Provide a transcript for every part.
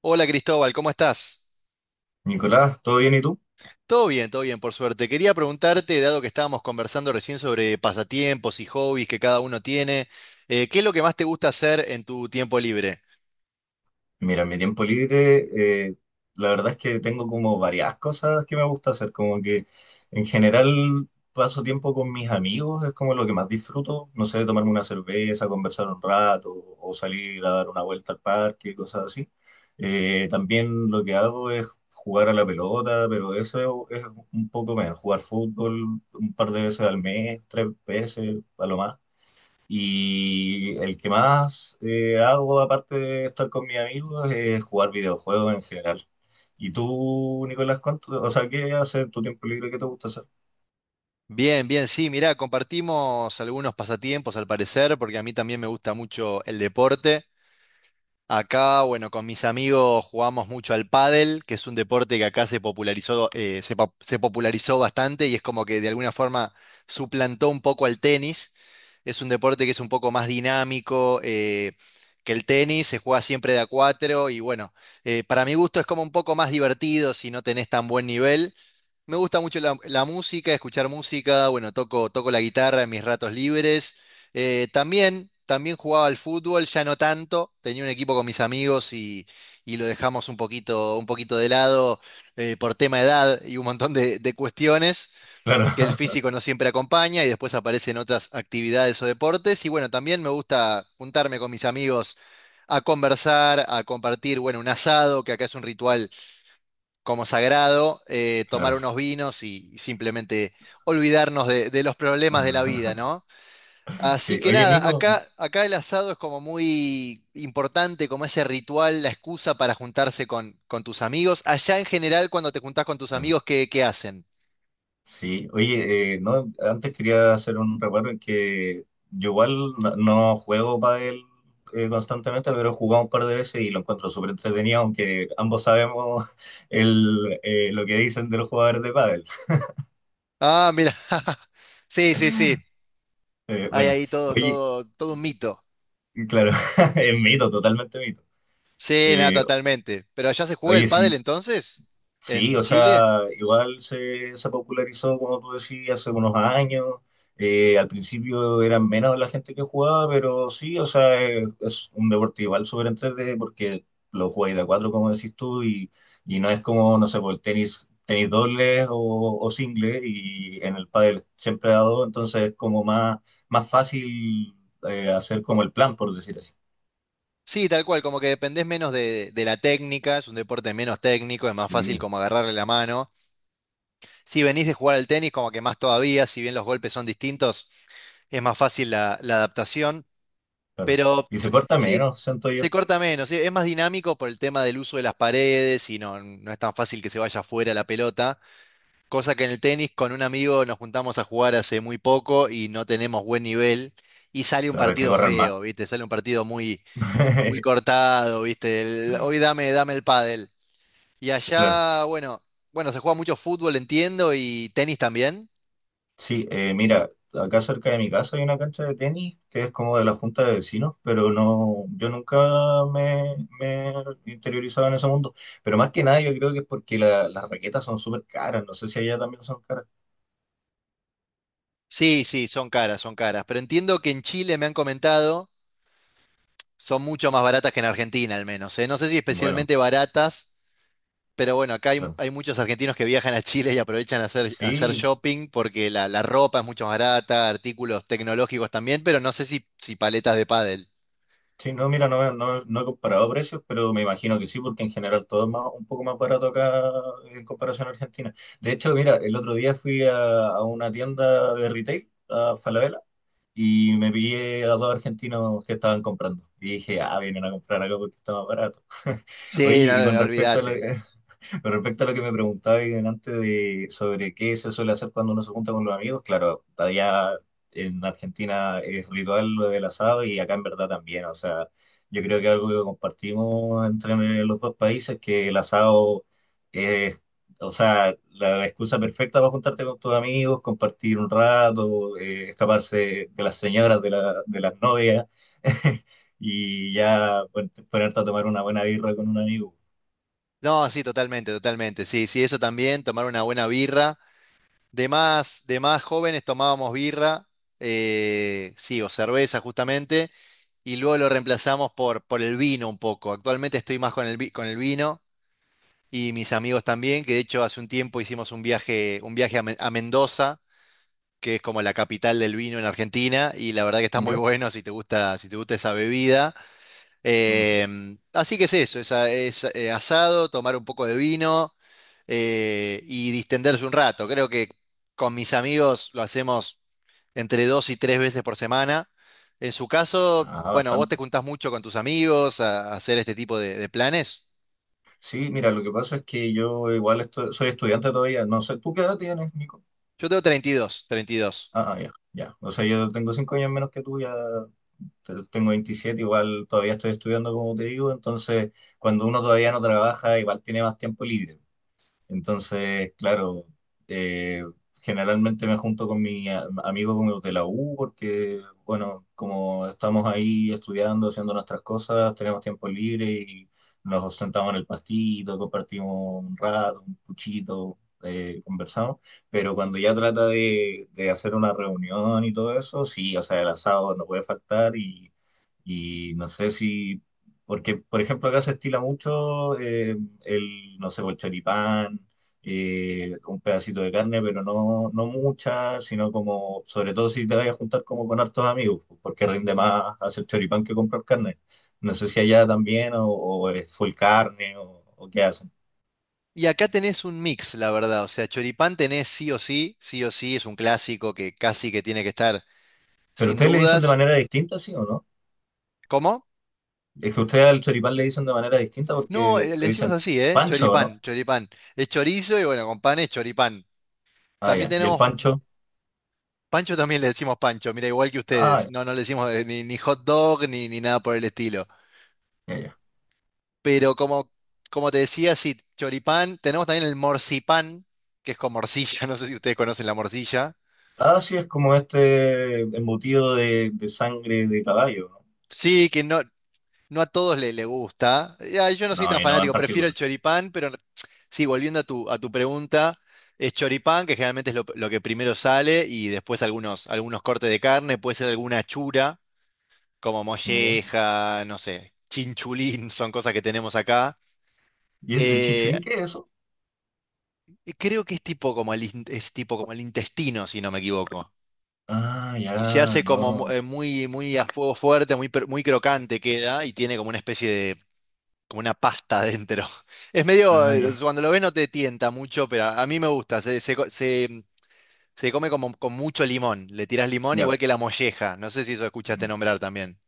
Hola Cristóbal, ¿cómo estás? Nicolás, ¿todo bien y tú? Todo bien, por suerte. Quería preguntarte, dado que estábamos conversando recién sobre pasatiempos y hobbies que cada uno tiene, ¿qué es lo que más te gusta hacer en tu tiempo libre? Mira, en mi tiempo libre, la verdad es que tengo como varias cosas que me gusta hacer, como que en general paso tiempo con mis amigos, es como lo que más disfruto, no sé, tomarme una cerveza, conversar un rato o salir a dar una vuelta al parque, cosas así. También lo que hago es jugar a la pelota, pero eso es un poco menos, jugar fútbol un par de veces al mes, tres veces a lo más. Y el que más hago, aparte de estar con mis amigos, es jugar videojuegos en general. ¿Y tú, Nicolás, cuánto, o sea, qué haces en tu tiempo libre? ¿Qué te gusta hacer? Bien, bien, sí, mirá, compartimos algunos pasatiempos al parecer, porque a mí también me gusta mucho el deporte. Acá, bueno, con mis amigos jugamos mucho al pádel, que es un deporte que acá se popularizó bastante y es como que de alguna forma suplantó un poco al tenis. Es un deporte que es un poco más dinámico que el tenis, se juega siempre de a cuatro y bueno, para mi gusto es como un poco más divertido si no tenés tan buen nivel. Me gusta mucho la música, escuchar música, bueno, toco la guitarra en mis ratos libres. También jugaba al fútbol, ya no tanto, tenía un equipo con mis amigos y lo dejamos un poquito de lado por tema de edad y un montón de cuestiones que el Claro. físico no siempre acompaña y después aparecen otras actividades o deportes. Y bueno, también me gusta juntarme con mis amigos a conversar, a compartir, bueno, un asado, que acá es un ritual como sagrado, tomar Claro. unos vinos y simplemente olvidarnos de los problemas de la vida, ¿no? Así Sí, que oye, nada, Nico. acá el asado es como muy importante, como ese ritual, la excusa para juntarse con tus amigos. Allá en general, cuando te juntás con tus Claro. amigos, ¿qué hacen? Sí, oye, no, antes quería hacer un reparo en que yo igual no juego pádel constantemente, pero he jugado un par de veces y lo encuentro súper entretenido, aunque ambos sabemos lo que dicen de los jugadores de pádel. Ah, mira. Sí, sí, sí. Hay Bueno, ahí todo, oye, todo, todo un mito. claro, es mito, totalmente mito. Sí, nada, Eh, totalmente. ¿Pero allá se juega el oye, pádel sí, entonces? sí, ¿En o Chile? sea, igual se popularizó, como tú decías, hace unos años. Al principio eran menos la gente que jugaba, pero sí, o sea, es un deporte igual súper entretenido porque lo jugáis de a cuatro, como decís tú, y no es como, no sé, por el tenis, tenis dobles o singles, y en el pádel siempre ha dado, entonces es como más, fácil hacer como el plan, por decir así. Sí, tal cual, como que dependés menos de la técnica, es un deporte menos técnico, es más fácil Sí, como agarrarle la mano. Si venís de jugar al tenis, como que más todavía, si bien los golpes son distintos, es más fácil la adaptación, claro. pero Y se corta sí, menos, siento yo. se corta menos, sí, es más dinámico por el tema del uso de las paredes y no es tan fácil que se vaya fuera la pelota, cosa que en el tenis con un amigo nos juntamos a jugar hace muy poco y no tenemos buen nivel y sale un Claro, hay que partido correr más. feo, ¿viste? Sale un partido muy muy cortado, ¿viste? Hoy dame el pádel. Y Claro. allá, bueno, se juega mucho fútbol, entiendo, y tenis también. Sí, mira, acá cerca de mi casa hay una cancha de tenis que es como de la junta de vecinos, pero no, yo nunca me he interiorizado en ese mundo. Pero más que nada yo creo que es porque las raquetas son súper caras. No sé si allá también son caras. Sí, sí, son caras, son caras. Pero entiendo que en Chile me han comentado, son mucho más baratas que en Argentina, al menos, ¿eh? No sé si Bueno, especialmente baratas, pero bueno, acá hay, claro. hay muchos argentinos que viajan a Chile y aprovechan a hacer Sí, shopping porque la ropa es mucho más barata, artículos tecnológicos también, pero no sé si paletas de pádel. sí, no, mira, no he comparado precios, pero me imagino que sí, porque en general todo es un poco más barato acá en comparación a Argentina. De hecho, mira, el otro día fui a una tienda de retail, a Falabella, y me pillé a dos argentinos que estaban comprando. Y dije, ah, vienen a comprar acá porque está más barato. Oye, Sí, no, y con respecto a lo, olvídate. con respecto a lo que me preguntaba ahí delante de sobre qué se suele hacer cuando uno se junta con los amigos, claro, allá en Argentina es ritual lo del asado y acá en verdad también, o sea, yo creo que algo que compartimos entre los dos países es que el asado es, o sea, la excusa perfecta para juntarte con tus amigos, compartir un rato, escaparse de las señoras, de las novias y ya ponerte a tomar una buena birra con un amigo. No, sí, totalmente, totalmente. Sí, sí, eso también, tomar una buena birra. De más jóvenes tomábamos birra, sí, o cerveza justamente, y luego lo reemplazamos por el vino un poco. Actualmente estoy más con el vino y mis amigos también, que de hecho hace un tiempo hicimos un viaje a Mendoza, que es como la capital del vino en Argentina, y la verdad que está muy ¿Ya? bueno si te gusta, si te gusta esa bebida. Mm. Así que es eso, asado, tomar un poco de vino y distenderse un rato. Creo que con mis amigos lo hacemos entre 2 y 3 veces por semana. En su caso, Ah, bueno, vos te bastante. juntás mucho con tus amigos a hacer este tipo de planes. Sí, mira, lo que pasa es que yo igual soy estudiante todavía. No sé, ¿tú qué edad tienes, Nico? Yo tengo 32, 32. Ah, ya, ya. O sea, yo tengo 5 años menos que tú, ya tengo 27, igual todavía estoy estudiando, como te digo. Entonces, cuando uno todavía no trabaja, igual tiene más tiempo libre. Entonces, claro, eh, generalmente me junto con mis amigos como de la U porque, bueno, como estamos ahí estudiando, haciendo nuestras cosas, tenemos tiempo libre y nos sentamos en el pastito, compartimos un rato, un puchito, conversamos. Pero cuando ya trata de hacer una reunión y todo eso, sí, o sea, el asado no puede faltar y no sé si porque, por ejemplo, acá se estila mucho no sé, el choripán, un pedacito de carne, pero no mucha, sino como, sobre todo si te vas a juntar como con hartos amigos, pues, porque rinde más hacer choripán que comprar carne. No sé si allá también, o es full carne, o qué hacen. Y dos. Y acá tenés un mix, la verdad. O sea, choripán tenés sí o sí, es un clásico que casi que tiene que estar Pero sin ustedes le dicen de dudas. manera distinta, ¿sí o no? ¿Cómo? Es que ustedes al choripán le dicen de manera distinta No, porque le le decimos dicen así, ¿eh? pancho, Choripán, ¿no? choripán. Es chorizo y bueno, con pan es choripán. Ah, También ya. ¿Y el tenemos, pancho? pancho también le decimos pancho, mira, igual que Ah, ustedes. No, no le decimos ni hot dog ni nada por el estilo. ya, ya. Pero como te decía, sí, choripán. Tenemos también el morcipán, que es con morcilla, no sé si ustedes conocen la morcilla. Ah, sí, es como este embutido de sangre de caballo. Sí, que no a todos le gusta. Ya, yo no No, soy no, a tan mí no en fanático, prefiero el particular. choripán, pero no, sí, volviendo a tu pregunta, es choripán, que generalmente es lo que primero sale, y después algunos cortes de carne, puede ser alguna chura, como Ya, ya. molleja, no sé, chinchulín, son cosas que tenemos acá. ¿Y es el Eh, chinchulín qué es eso? creo que es tipo como el intestino, si no me equivoco. Ah, ya, Y se hace no, como no. Muy, muy a fuego fuerte, muy crocante queda, y tiene como una especie de como una pasta adentro. Es medio, Ah, ya, cuando lo ves no te tienta mucho, pero a mí me gusta. Se come como con mucho limón. Le tiras limón ya. igual que la molleja. No sé si eso escuchaste nombrar también.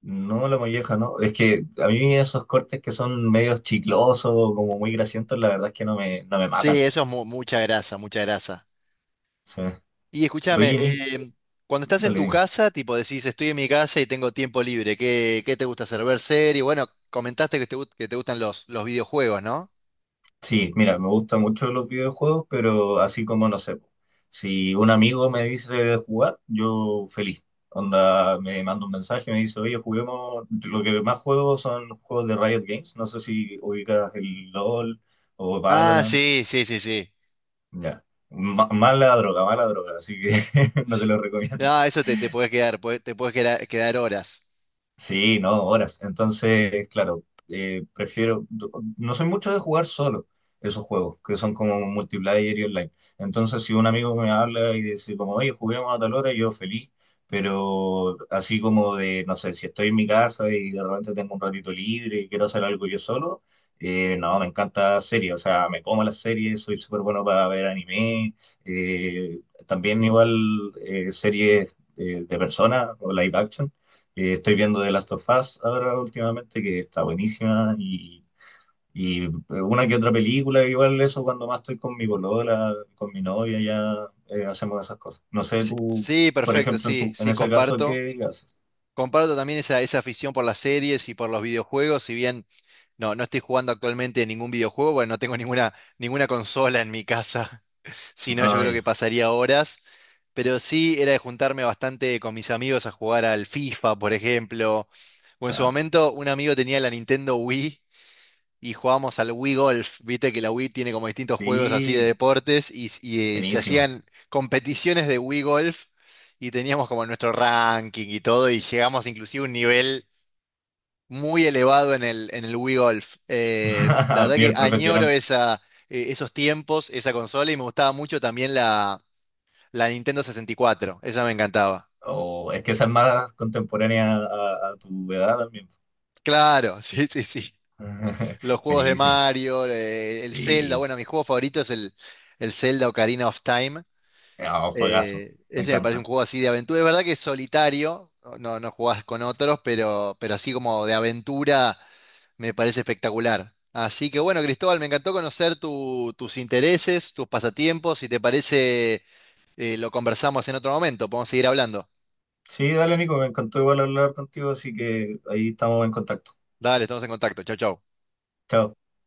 No, la molleja, no. Es que a mí esos cortes que son medios chiclosos, como muy grasientos, la verdad es que no me Sí, matan. eso es mucha grasa, mucha grasa. Sí. Y escúchame, Oye, Nick, cuando estás en dale, tu dime. casa, tipo decís, estoy en mi casa y tengo tiempo libre, ¿qué te gusta hacer? Ver serie. Bueno, comentaste que te gustan los videojuegos, ¿no? Sí, mira, me gustan mucho los videojuegos, pero así como no sé, po, si un amigo me dice de jugar, yo feliz. Onda, me manda un mensaje, me dice, oye, juguemos, lo que más juego son juegos de Riot Games, no sé si ubicas el LOL o Ah, Valorant, sí, sí, sí, sí. ya. Mala droga, así que no te lo recomiendo. No, eso te puedes quedar, quedar horas. Sí, no, horas. Entonces, claro, eh, prefiero, no soy mucho de jugar solo esos juegos, que son como multiplayer y online. Entonces, si un amigo me habla y dice como, oye, juguemos a tal hora, yo feliz, pero así como de, no sé, si estoy en mi casa y de repente tengo un ratito libre y quiero hacer algo yo solo, no, me encanta series, o sea, me como las series, soy súper bueno para ver anime, eh, también igual series de personas o live action. Estoy viendo The Last of Us ahora últimamente, que está buenísima, y una que otra película, igual eso cuando más estoy con mi polola, con mi novia, ya hacemos esas cosas. No sé, Sí, tú, sí, por perfecto, ejemplo, sí, en sí, ese caso, comparto. ¿qué haces? Comparto también esa afición por las series y por los videojuegos, si bien no estoy jugando actualmente ningún videojuego, bueno, no tengo ninguna consola en mi casa, si no yo creo Ay, que pasaría horas, pero sí era de juntarme bastante con mis amigos a jugar al FIFA, por ejemplo, o en su claro. momento un amigo tenía la Nintendo Wii y jugábamos al Wii Golf. Viste que la Wii tiene como distintos juegos así de Sí, deportes se buenísimo. hacían competiciones de Wii Golf y teníamos como nuestro ranking y todo y llegamos inclusive a un nivel muy elevado en el Wii Golf. Eh, la A verdad que nivel añoro profesional. esos tiempos, esa consola y me gustaba mucho también la Nintendo 64. Esa me encantaba. O es que esa es más contemporánea a tu edad también. Claro, sí, sí, sí. Los juegos de Buenísimo. Mario, el Zelda, Sí, bueno, mi juego favorito es el Zelda Ocarina of Time. ah, juegazo, Eh, me ese me parece encanta. un juego así de aventura. Es verdad que es solitario, no jugás con otros, pero, así como de aventura me parece espectacular. Así que bueno, Cristóbal, me encantó conocer tus intereses, tus pasatiempos. Si te parece, lo conversamos en otro momento. Podemos seguir hablando. Sí, dale, Nico, me encantó igual hablar contigo, así que ahí estamos en contacto. Dale, estamos en contacto. Chau, chau. Chao.